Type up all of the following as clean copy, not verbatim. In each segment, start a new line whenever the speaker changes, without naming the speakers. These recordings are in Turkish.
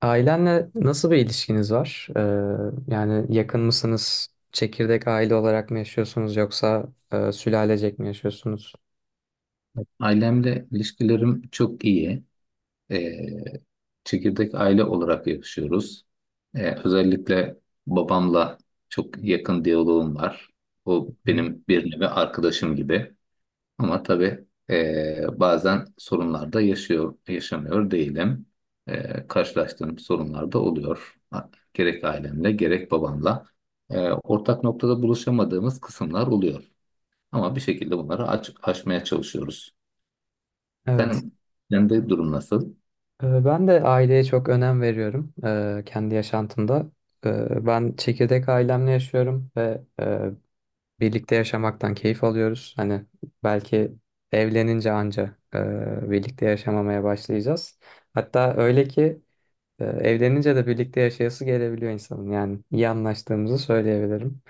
Ailenle nasıl bir ilişkiniz var? Yani yakın mısınız? Çekirdek aile olarak mı yaşıyorsunuz yoksa sülalecek mi yaşıyorsunuz?
Ailemle ilişkilerim çok iyi. Ee, Çekirdek aile olarak yaşıyoruz. Özellikle babamla çok yakın diyaloğum var. O
Hı.
benim bir nevi arkadaşım gibi. Ama tabii bazen sorunlar da yaşıyor, yaşamıyor değilim. Karşılaştığım sorunlar da oluyor. Ha, gerek ailemle gerek babamla. Ortak noktada buluşamadığımız kısımlar oluyor. Ama bir şekilde bunları aşmaya çalışıyoruz.
Evet.
Sen kendi durum nasıl?
Ben de aileye çok önem veriyorum kendi yaşantımda. Ben çekirdek ailemle yaşıyorum ve birlikte yaşamaktan keyif alıyoruz. Hani belki evlenince anca birlikte yaşamamaya başlayacağız. Hatta öyle ki. Evlenince de birlikte yaşayası gelebiliyor insanın. Yani iyi anlaştığımızı söyleyebilirim.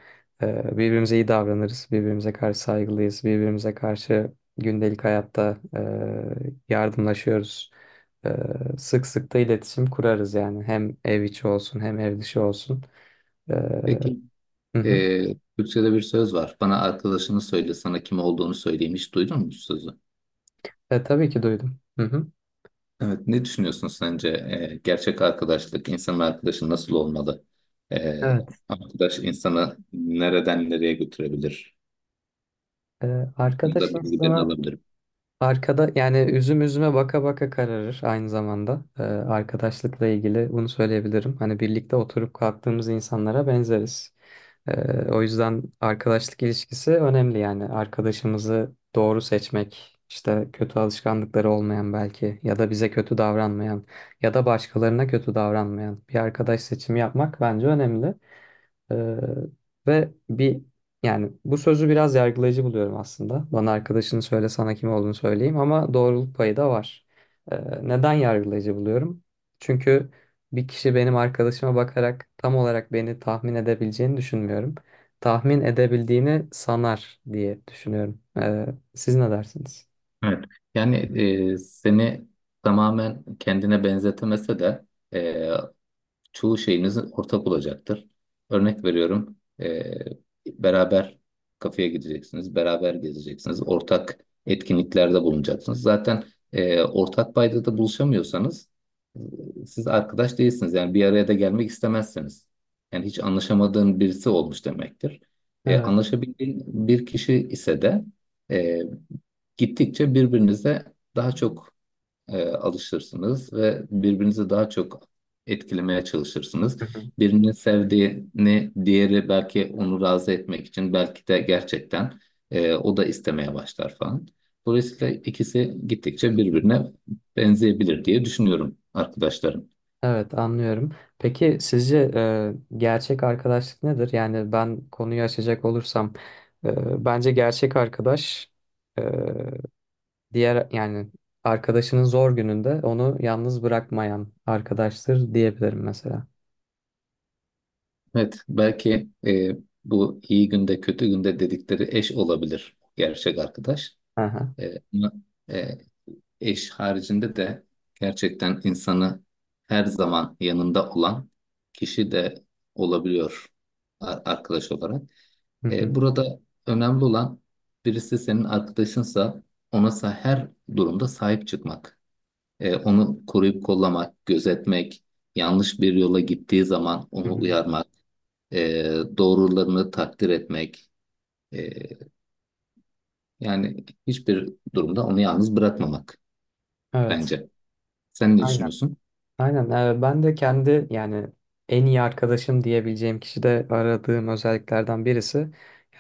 Birbirimize iyi davranırız, birbirimize karşı saygılıyız, birbirimize karşı gündelik hayatta yardımlaşıyoruz. Ee, Sık sık da iletişim kurarız yani. Hem ev içi olsun hem ev dışı olsun. Ee,
Peki
hı hı.
Türkçe'de bir söz var. Bana arkadaşını söyle, sana kim olduğunu söyleyeyim. Hiç duydun mu bu sözü?
Tabii ki duydum. Hı hı.
Evet, ne düşünüyorsun sence? Gerçek arkadaşlık, insanın arkadaşı nasıl olmalı? Eee,
Evet.
Arkadaş insanı nereden nereye götürebilir?
Ee,
Bunu
arkadaş
da bilgilerini
insanı
alabilirim.
Arkada yani üzüm üzüme baka baka kararır aynı zamanda. Arkadaşlıkla ilgili bunu söyleyebilirim. Hani birlikte oturup kalktığımız insanlara benzeriz. O yüzden arkadaşlık ilişkisi önemli yani. Arkadaşımızı doğru seçmek, işte kötü alışkanlıkları olmayan belki ya da bize kötü davranmayan ya da başkalarına kötü davranmayan bir arkadaş seçimi yapmak bence önemli. Ee, ve bir, yani bu sözü biraz yargılayıcı buluyorum aslında. Bana arkadaşını söyle sana kim olduğunu söyleyeyim, ama doğruluk payı da var. Neden yargılayıcı buluyorum? Çünkü bir kişi benim arkadaşıma bakarak tam olarak beni tahmin edebileceğini düşünmüyorum. Tahmin edebildiğini sanar diye düşünüyorum. Siz ne dersiniz?
Evet. Yani seni tamamen kendine benzetemese de eee, çoğu şeyiniz ortak olacaktır. Örnek veriyorum, beraber kafeye gideceksiniz, beraber gezeceksiniz, ortak etkinliklerde bulunacaksınız. Zaten ortak paydada buluşamıyorsanız e, siz arkadaş değilsiniz. Yani bir araya da gelmek istemezsiniz. Yani hiç anlaşamadığın birisi olmuş demektir.
Evet.
Anlaşabildiğin bir kişi ise de e, gittikçe birbirinize daha çok alışırsınız ve birbirinizi daha çok etkilemeye çalışırsınız. Birinin sevdiğini diğeri belki onu razı etmek için belki de gerçekten o da istemeye başlar falan. Dolayısıyla ikisi gittikçe birbirine benzeyebilir diye düşünüyorum arkadaşlarım.
Evet, anlıyorum. Peki sizce gerçek arkadaşlık nedir? Yani ben konuyu açacak olursam bence gerçek arkadaş, e, diğer yani arkadaşının zor gününde onu yalnız bırakmayan arkadaştır diyebilirim mesela.
Evet, belki bu iyi günde kötü günde dedikleri eş olabilir gerçek arkadaş.
Aha.
Ama, e, eş haricinde de gerçekten insanı her zaman yanında olan kişi de olabiliyor arkadaş olarak.
Hı hı.
Burada önemli olan birisi senin arkadaşınsa ona her durumda sahip çıkmak. Onu koruyup kollamak, gözetmek, yanlış bir yola gittiği zaman
Hı
onu
hı.
uyarmak, e, doğrularını takdir etmek. E, Yani hiçbir durumda onu yalnız bırakmamak
Evet.
bence. Sen ne
Aynen.
düşünüyorsun?
Aynen. Ben de kendi yani en iyi arkadaşım diyebileceğim kişi de aradığım özelliklerden birisi.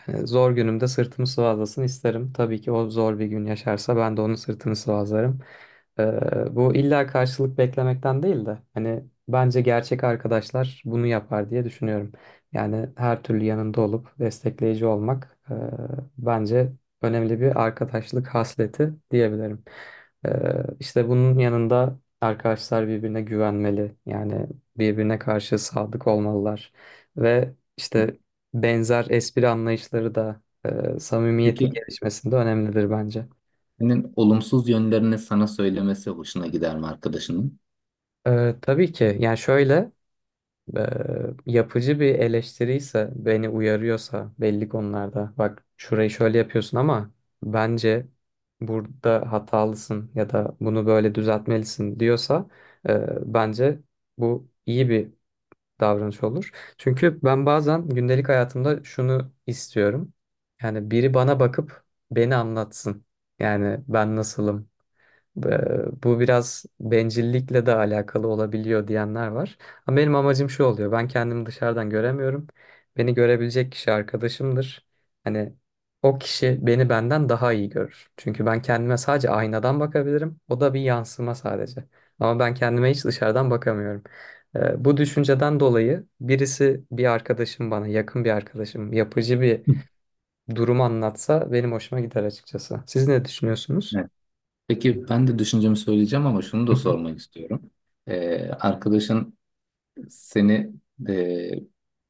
Zor günümde sırtımı sıvazlasın isterim. Tabii ki o zor bir gün yaşarsa ben de onun sırtını sıvazlarım. Bu illa karşılık beklemekten değil de hani bence gerçek arkadaşlar bunu yapar diye düşünüyorum. Yani her türlü yanında olup destekleyici olmak bence önemli bir arkadaşlık hasleti diyebilirim. E, işte bunun yanında arkadaşlar birbirine güvenmeli. Yani birbirine karşı sadık olmalılar ve işte benzer espri anlayışları da samimiyetin
Peki,
gelişmesinde önemlidir bence.
senin olumsuz yönlerini sana söylemesi hoşuna gider mi arkadaşının?
Tabii ki, yani şöyle, e, yapıcı bir eleştiri ise, beni uyarıyorsa belli konularda, bak şurayı şöyle yapıyorsun ama bence burada hatalısın ya da bunu böyle düzeltmelisin diyorsa, bence bu iyi bir davranış olur. Çünkü ben bazen gündelik hayatımda şunu istiyorum. Yani biri bana bakıp beni anlatsın. Yani ben nasılım? Ve bu biraz bencillikle de alakalı olabiliyor diyenler var. Ama benim amacım şu oluyor. Ben kendimi dışarıdan göremiyorum. Beni görebilecek kişi arkadaşımdır. Hani o kişi beni benden daha iyi görür. Çünkü ben kendime sadece aynadan bakabilirim. O da bir yansıma sadece. Ama ben kendime hiç dışarıdan bakamıyorum. Bu düşünceden dolayı birisi, bir arkadaşım bana, yakın bir arkadaşım, yapıcı bir
Hı.
durum anlatsa benim hoşuma gider açıkçası. Siz ne düşünüyorsunuz?
Evet. Peki ben de düşüncemi söyleyeceğim ama şunu da
Hı hı.
sormak istiyorum. Arkadaşın seni e,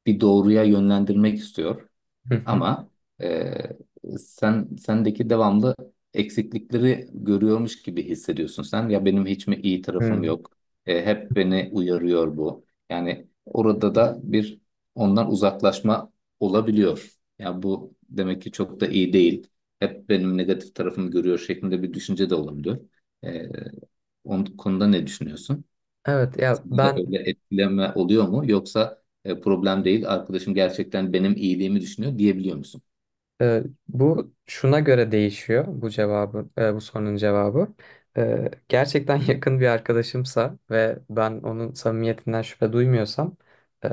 bir doğruya yönlendirmek istiyor.
Hı hı.
Ama eee, sendeki devamlı eksiklikleri görüyormuş gibi hissediyorsun sen. Ya benim hiç mi iyi tarafım
Hı.
yok? Hep beni uyarıyor bu. Yani orada da bir ondan uzaklaşma olabiliyor. Ya bu demek ki çok da iyi değil. Hep benim negatif tarafımı görüyor şeklinde bir düşünce de olabiliyor. E, Onun konuda ne düşünüyorsun?
Evet ya,
Sende de
ben,
öyle etkileme oluyor mu? Yoksa problem değil, arkadaşım gerçekten benim iyiliğimi düşünüyor diyebiliyor musun?
e, bu şuna göre değişiyor, bu cevabı, bu sorunun cevabı. Gerçekten yakın bir arkadaşımsa ve ben onun samimiyetinden şüphe duymuyorsam, e,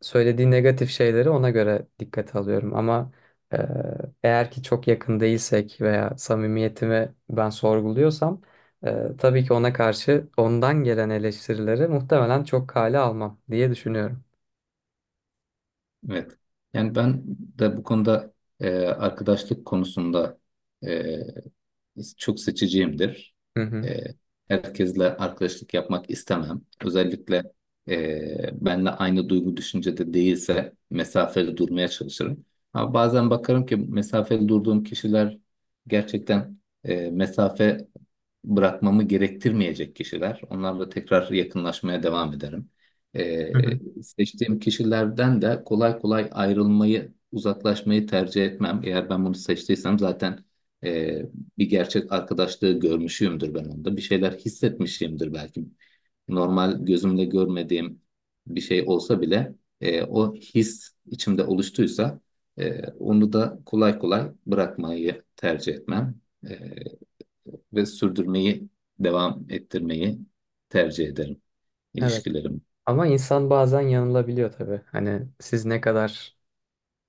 söylediği negatif şeyleri ona göre dikkate alıyorum. Ama e, eğer ki çok yakın değilsek veya samimiyetimi ben sorguluyorsam, tabii ki ona karşı, ondan gelen eleştirileri muhtemelen çok kale almam diye düşünüyorum.
Evet. Yani ben de bu konuda arkadaşlık konusunda e, çok seçiciyimdir.
Hı hı.
E, Herkesle arkadaşlık yapmak istemem. Özellikle benle aynı duygu düşüncede değilse mesafeli durmaya çalışırım. Ama bazen bakarım ki mesafeli durduğum kişiler gerçekten mesafe bırakmamı gerektirmeyecek kişiler. Onlarla tekrar yakınlaşmaya devam ederim.
Hı hı.
Seçtiğim kişilerden de kolay kolay ayrılmayı, uzaklaşmayı tercih etmem. Eğer ben bunu seçtiysem zaten e, bir gerçek arkadaşlığı görmüşümdür ben onda. Bir şeyler hissetmişimdir belki. Normal gözümle görmediğim bir şey olsa bile o his içimde oluştuysa onu da kolay kolay bırakmayı tercih etmem. E, Ve sürdürmeyi, devam ettirmeyi tercih ederim
Evet.
ilişkilerim.
Ama insan bazen yanılabiliyor tabii. Hani siz ne kadar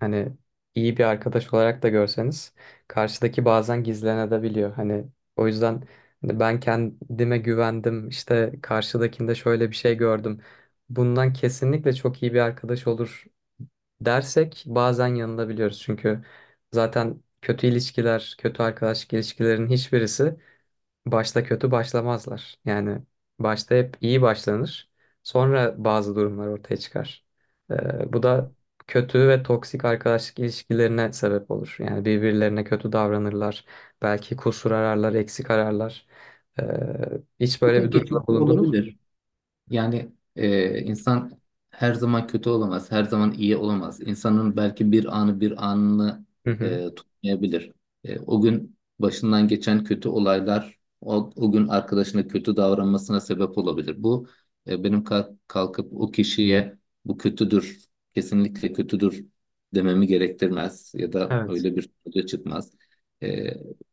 hani iyi bir arkadaş olarak da görseniz, karşıdaki bazen gizlenebiliyor. Hani o yüzden hani ben kendime güvendim, işte karşıdakinde şöyle bir şey gördüm, bundan kesinlikle çok iyi bir arkadaş olur dersek bazen yanılabiliyoruz. Çünkü zaten kötü ilişkiler, kötü arkadaşlık ilişkilerin hiçbirisi başta kötü başlamazlar. Yani başta hep iyi başlanır. Sonra bazı durumlar ortaya çıkar. Bu da kötü ve toksik arkadaşlık ilişkilerine sebep olur. Yani birbirlerine kötü davranırlar. Belki kusur ararlar, eksik ararlar. Ee, Hiç
Bu
böyle
da
bir
geçici
durumda bulundunuz mu?
olabilir. Yani insan her zaman kötü olamaz, her zaman iyi olamaz. İnsanın belki bir anı bir anını
Hı hı.
tutmayabilir. O gün başından geçen kötü olaylar o gün arkadaşına kötü davranmasına sebep olabilir. Bu benim kalkıp o kişiye bu kötüdür, kesinlikle kötüdür dememi gerektirmez ya da
Evet.
öyle bir sonuca çıkmaz. E,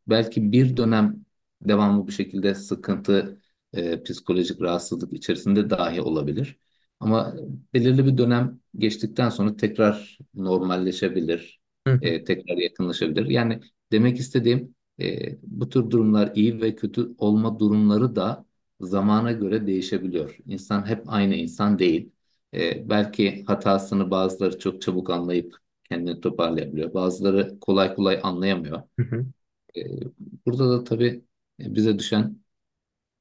Belki bir dönem devamlı bu şekilde sıkıntı psikolojik rahatsızlık içerisinde dahi olabilir. Ama belirli bir dönem geçtikten sonra tekrar normalleşebilir,
Hı hı.
tekrar yakınlaşabilir. Yani demek istediğim bu tür durumlar iyi ve kötü olma durumları da zamana göre değişebiliyor. İnsan hep aynı insan değil. Belki hatasını bazıları çok çabuk anlayıp kendini toparlayabiliyor. Bazıları kolay kolay anlayamıyor.
Hı hı.
E, Burada da tabii bize düşen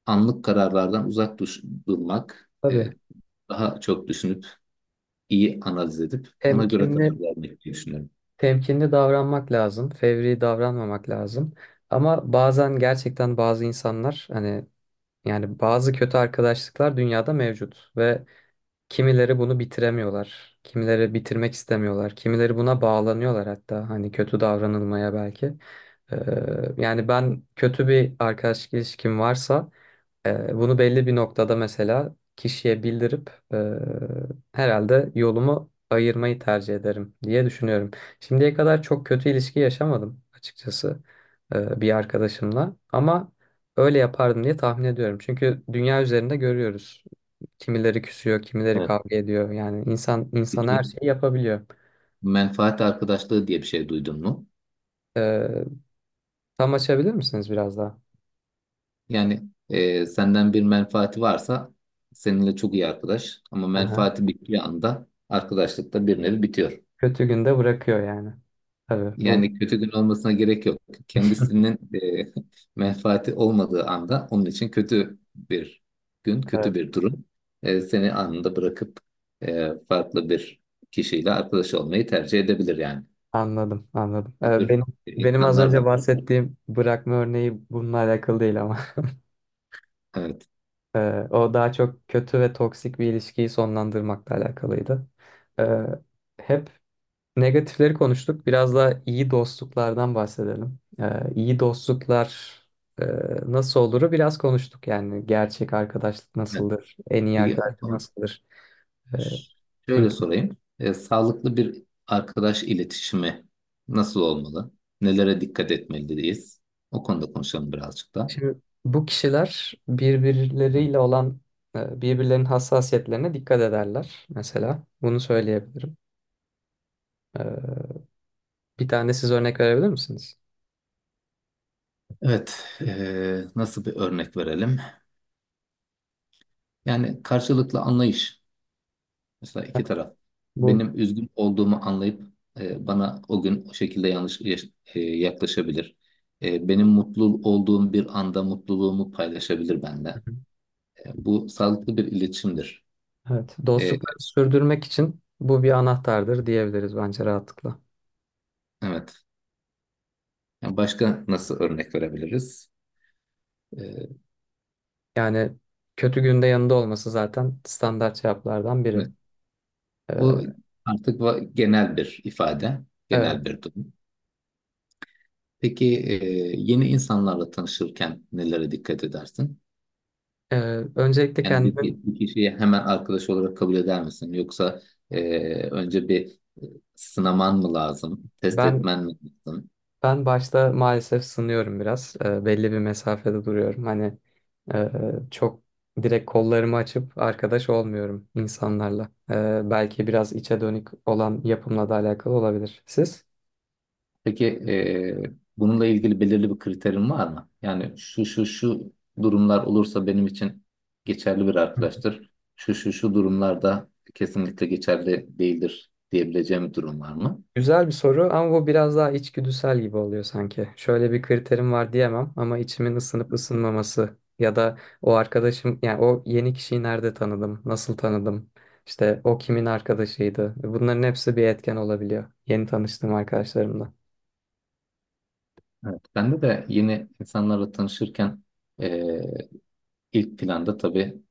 anlık kararlardan uzak durmak,
Tabii.
daha çok düşünüp, iyi analiz edip ona göre
Temkinli,
karar vermek diye düşünüyorum.
temkinli davranmak lazım. Fevri davranmamak lazım. Ama bazen gerçekten bazı insanlar hani, yani bazı kötü arkadaşlıklar dünyada mevcut ve kimileri bunu bitiremiyorlar. Kimileri bitirmek istemiyorlar. Kimileri buna bağlanıyorlar hatta, hani kötü davranılmaya belki. Ee, Yani ben kötü bir arkadaşlık ilişkim varsa bunu belli bir noktada mesela kişiye bildirip, herhalde yolumu ayırmayı tercih ederim diye düşünüyorum. Şimdiye kadar çok kötü ilişki yaşamadım açıkçası bir arkadaşımla, ama öyle yapardım diye tahmin ediyorum. Çünkü dünya üzerinde görüyoruz. Kimileri küsüyor, kimileri
Evet.
kavga ediyor. Yani insan insan her
Peki,
şeyi yapabiliyor.
menfaat arkadaşlığı diye bir şey duydun mu?
Ee, Tam açabilir misiniz biraz daha?
Yani senden bir menfaati varsa seninle çok iyi arkadaş ama
Aha.
menfaati bittiği anda arkadaşlıkta bir nevi bitiyor.
Kötü günde bırakıyor yani. Tabii bu.
Yani kötü gün olmasına gerek yok. Kendisinin menfaati olmadığı anda onun için kötü bir gün, kötü
Evet.
bir durum seni anında bırakıp farklı bir kişiyle arkadaş olmayı tercih edebilir yani.
Anladım, anladım.
Bu
Ee,
tür
benim benim az
insanlar
önce
da var.
bahsettiğim bırakma örneği bununla alakalı değil ama
Evet.
O daha çok kötü ve toksik bir ilişkiyi sonlandırmakla alakalıydı. Ee, Hep negatifleri konuştuk. Biraz da iyi dostluklardan bahsedelim. İyi dostluklar e, nasıl oluru biraz konuştuk, yani gerçek arkadaşlık
Evet.
nasıldır, en iyi
Peki,
arkadaşlık nasıldır. Ee,
şöyle sorayım. Sağlıklı bir arkadaş iletişimi nasıl olmalı? Nelere dikkat etmeliyiz? O konuda konuşalım birazcık da.
Şimdi bu kişiler birbirleriyle olan birbirlerinin hassasiyetlerine dikkat ederler mesela. Bunu söyleyebilirim. E, Bir tane siz örnek verebilir misiniz?
Evet, nasıl bir örnek verelim? Yani karşılıklı anlayış. Mesela iki taraf.
Bu.
Benim üzgün olduğumu anlayıp bana o gün o şekilde yaklaşabilir. Benim mutlu olduğum bir anda mutluluğumu paylaşabilir
Hı
benimle.
hı.
Bu sağlıklı bir iletişimdir.
Evet,
E,
dostlukları sürdürmek için bu bir anahtardır diyebiliriz bence rahatlıkla.
evet. Yani başka nasıl örnek verebiliriz? E,
Yani kötü günde yanında olması zaten standart cevaplardan biri.
evet. O
E,
artık genel bir ifade, genel
Evet.
bir durum. Peki yeni insanlarla tanışırken nelere dikkat edersin?
E, Öncelikle
Yani bir, bir
kendimin
bir kişiyi hemen arkadaş olarak kabul eder misin? Yoksa önce bir sınaman mı lazım? Test
ben
etmen mi lazım?
ben başta maalesef sınıyorum biraz. Belli bir mesafede duruyorum. Hani e, çok direkt kollarımı açıp arkadaş olmuyorum insanlarla. Belki biraz içe dönük olan yapımla da alakalı olabilir. Siz?
Peki bununla ilgili belirli bir kriterin var mı? Yani şu şu şu durumlar olursa benim için geçerli bir arkadaştır. Şu şu şu durumlarda kesinlikle geçerli değildir diyebileceğim bir durum var mı?
Güzel bir soru ama bu biraz daha içgüdüsel gibi oluyor sanki. Şöyle bir kriterim var diyemem ama içimin ısınıp ısınmaması ya da o arkadaşım, yani o yeni kişiyi nerede tanıdım, nasıl tanıdım, işte o kimin arkadaşıydı. Bunların hepsi bir etken olabiliyor. Yeni tanıştığım arkadaşlarımla.
Evet. Bende de yeni insanlarla tanışırken eee, ilk planda tabii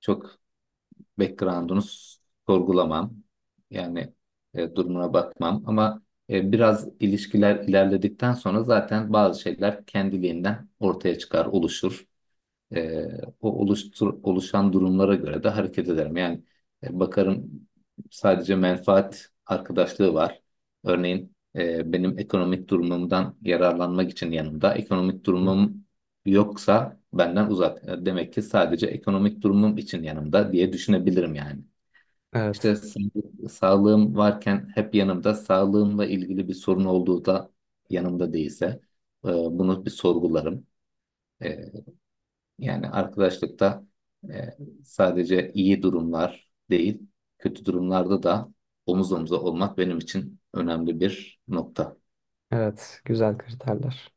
çok background'unu sorgulamam. Yani durumuna bakmam ama biraz ilişkiler ilerledikten sonra zaten bazı şeyler kendiliğinden ortaya çıkar, oluşur. E, oluşan durumlara göre de hareket ederim. Yani bakarım sadece menfaat arkadaşlığı var. Örneğin benim ekonomik durumumdan yararlanmak için yanımda. Ekonomik
Hı.
durumum yoksa benden uzak. Demek ki sadece ekonomik durumum için yanımda diye düşünebilirim yani. İşte
Evet,
sağlığım varken hep yanımda, sağlığımla ilgili bir sorun olduğu da yanımda değilse bunu bir sorgularım. E, Yani arkadaşlıkta e, sadece iyi durumlar değil, kötü durumlarda da omuz omuza olmak benim için önemli bir nokta.
evet, güzel kriterler.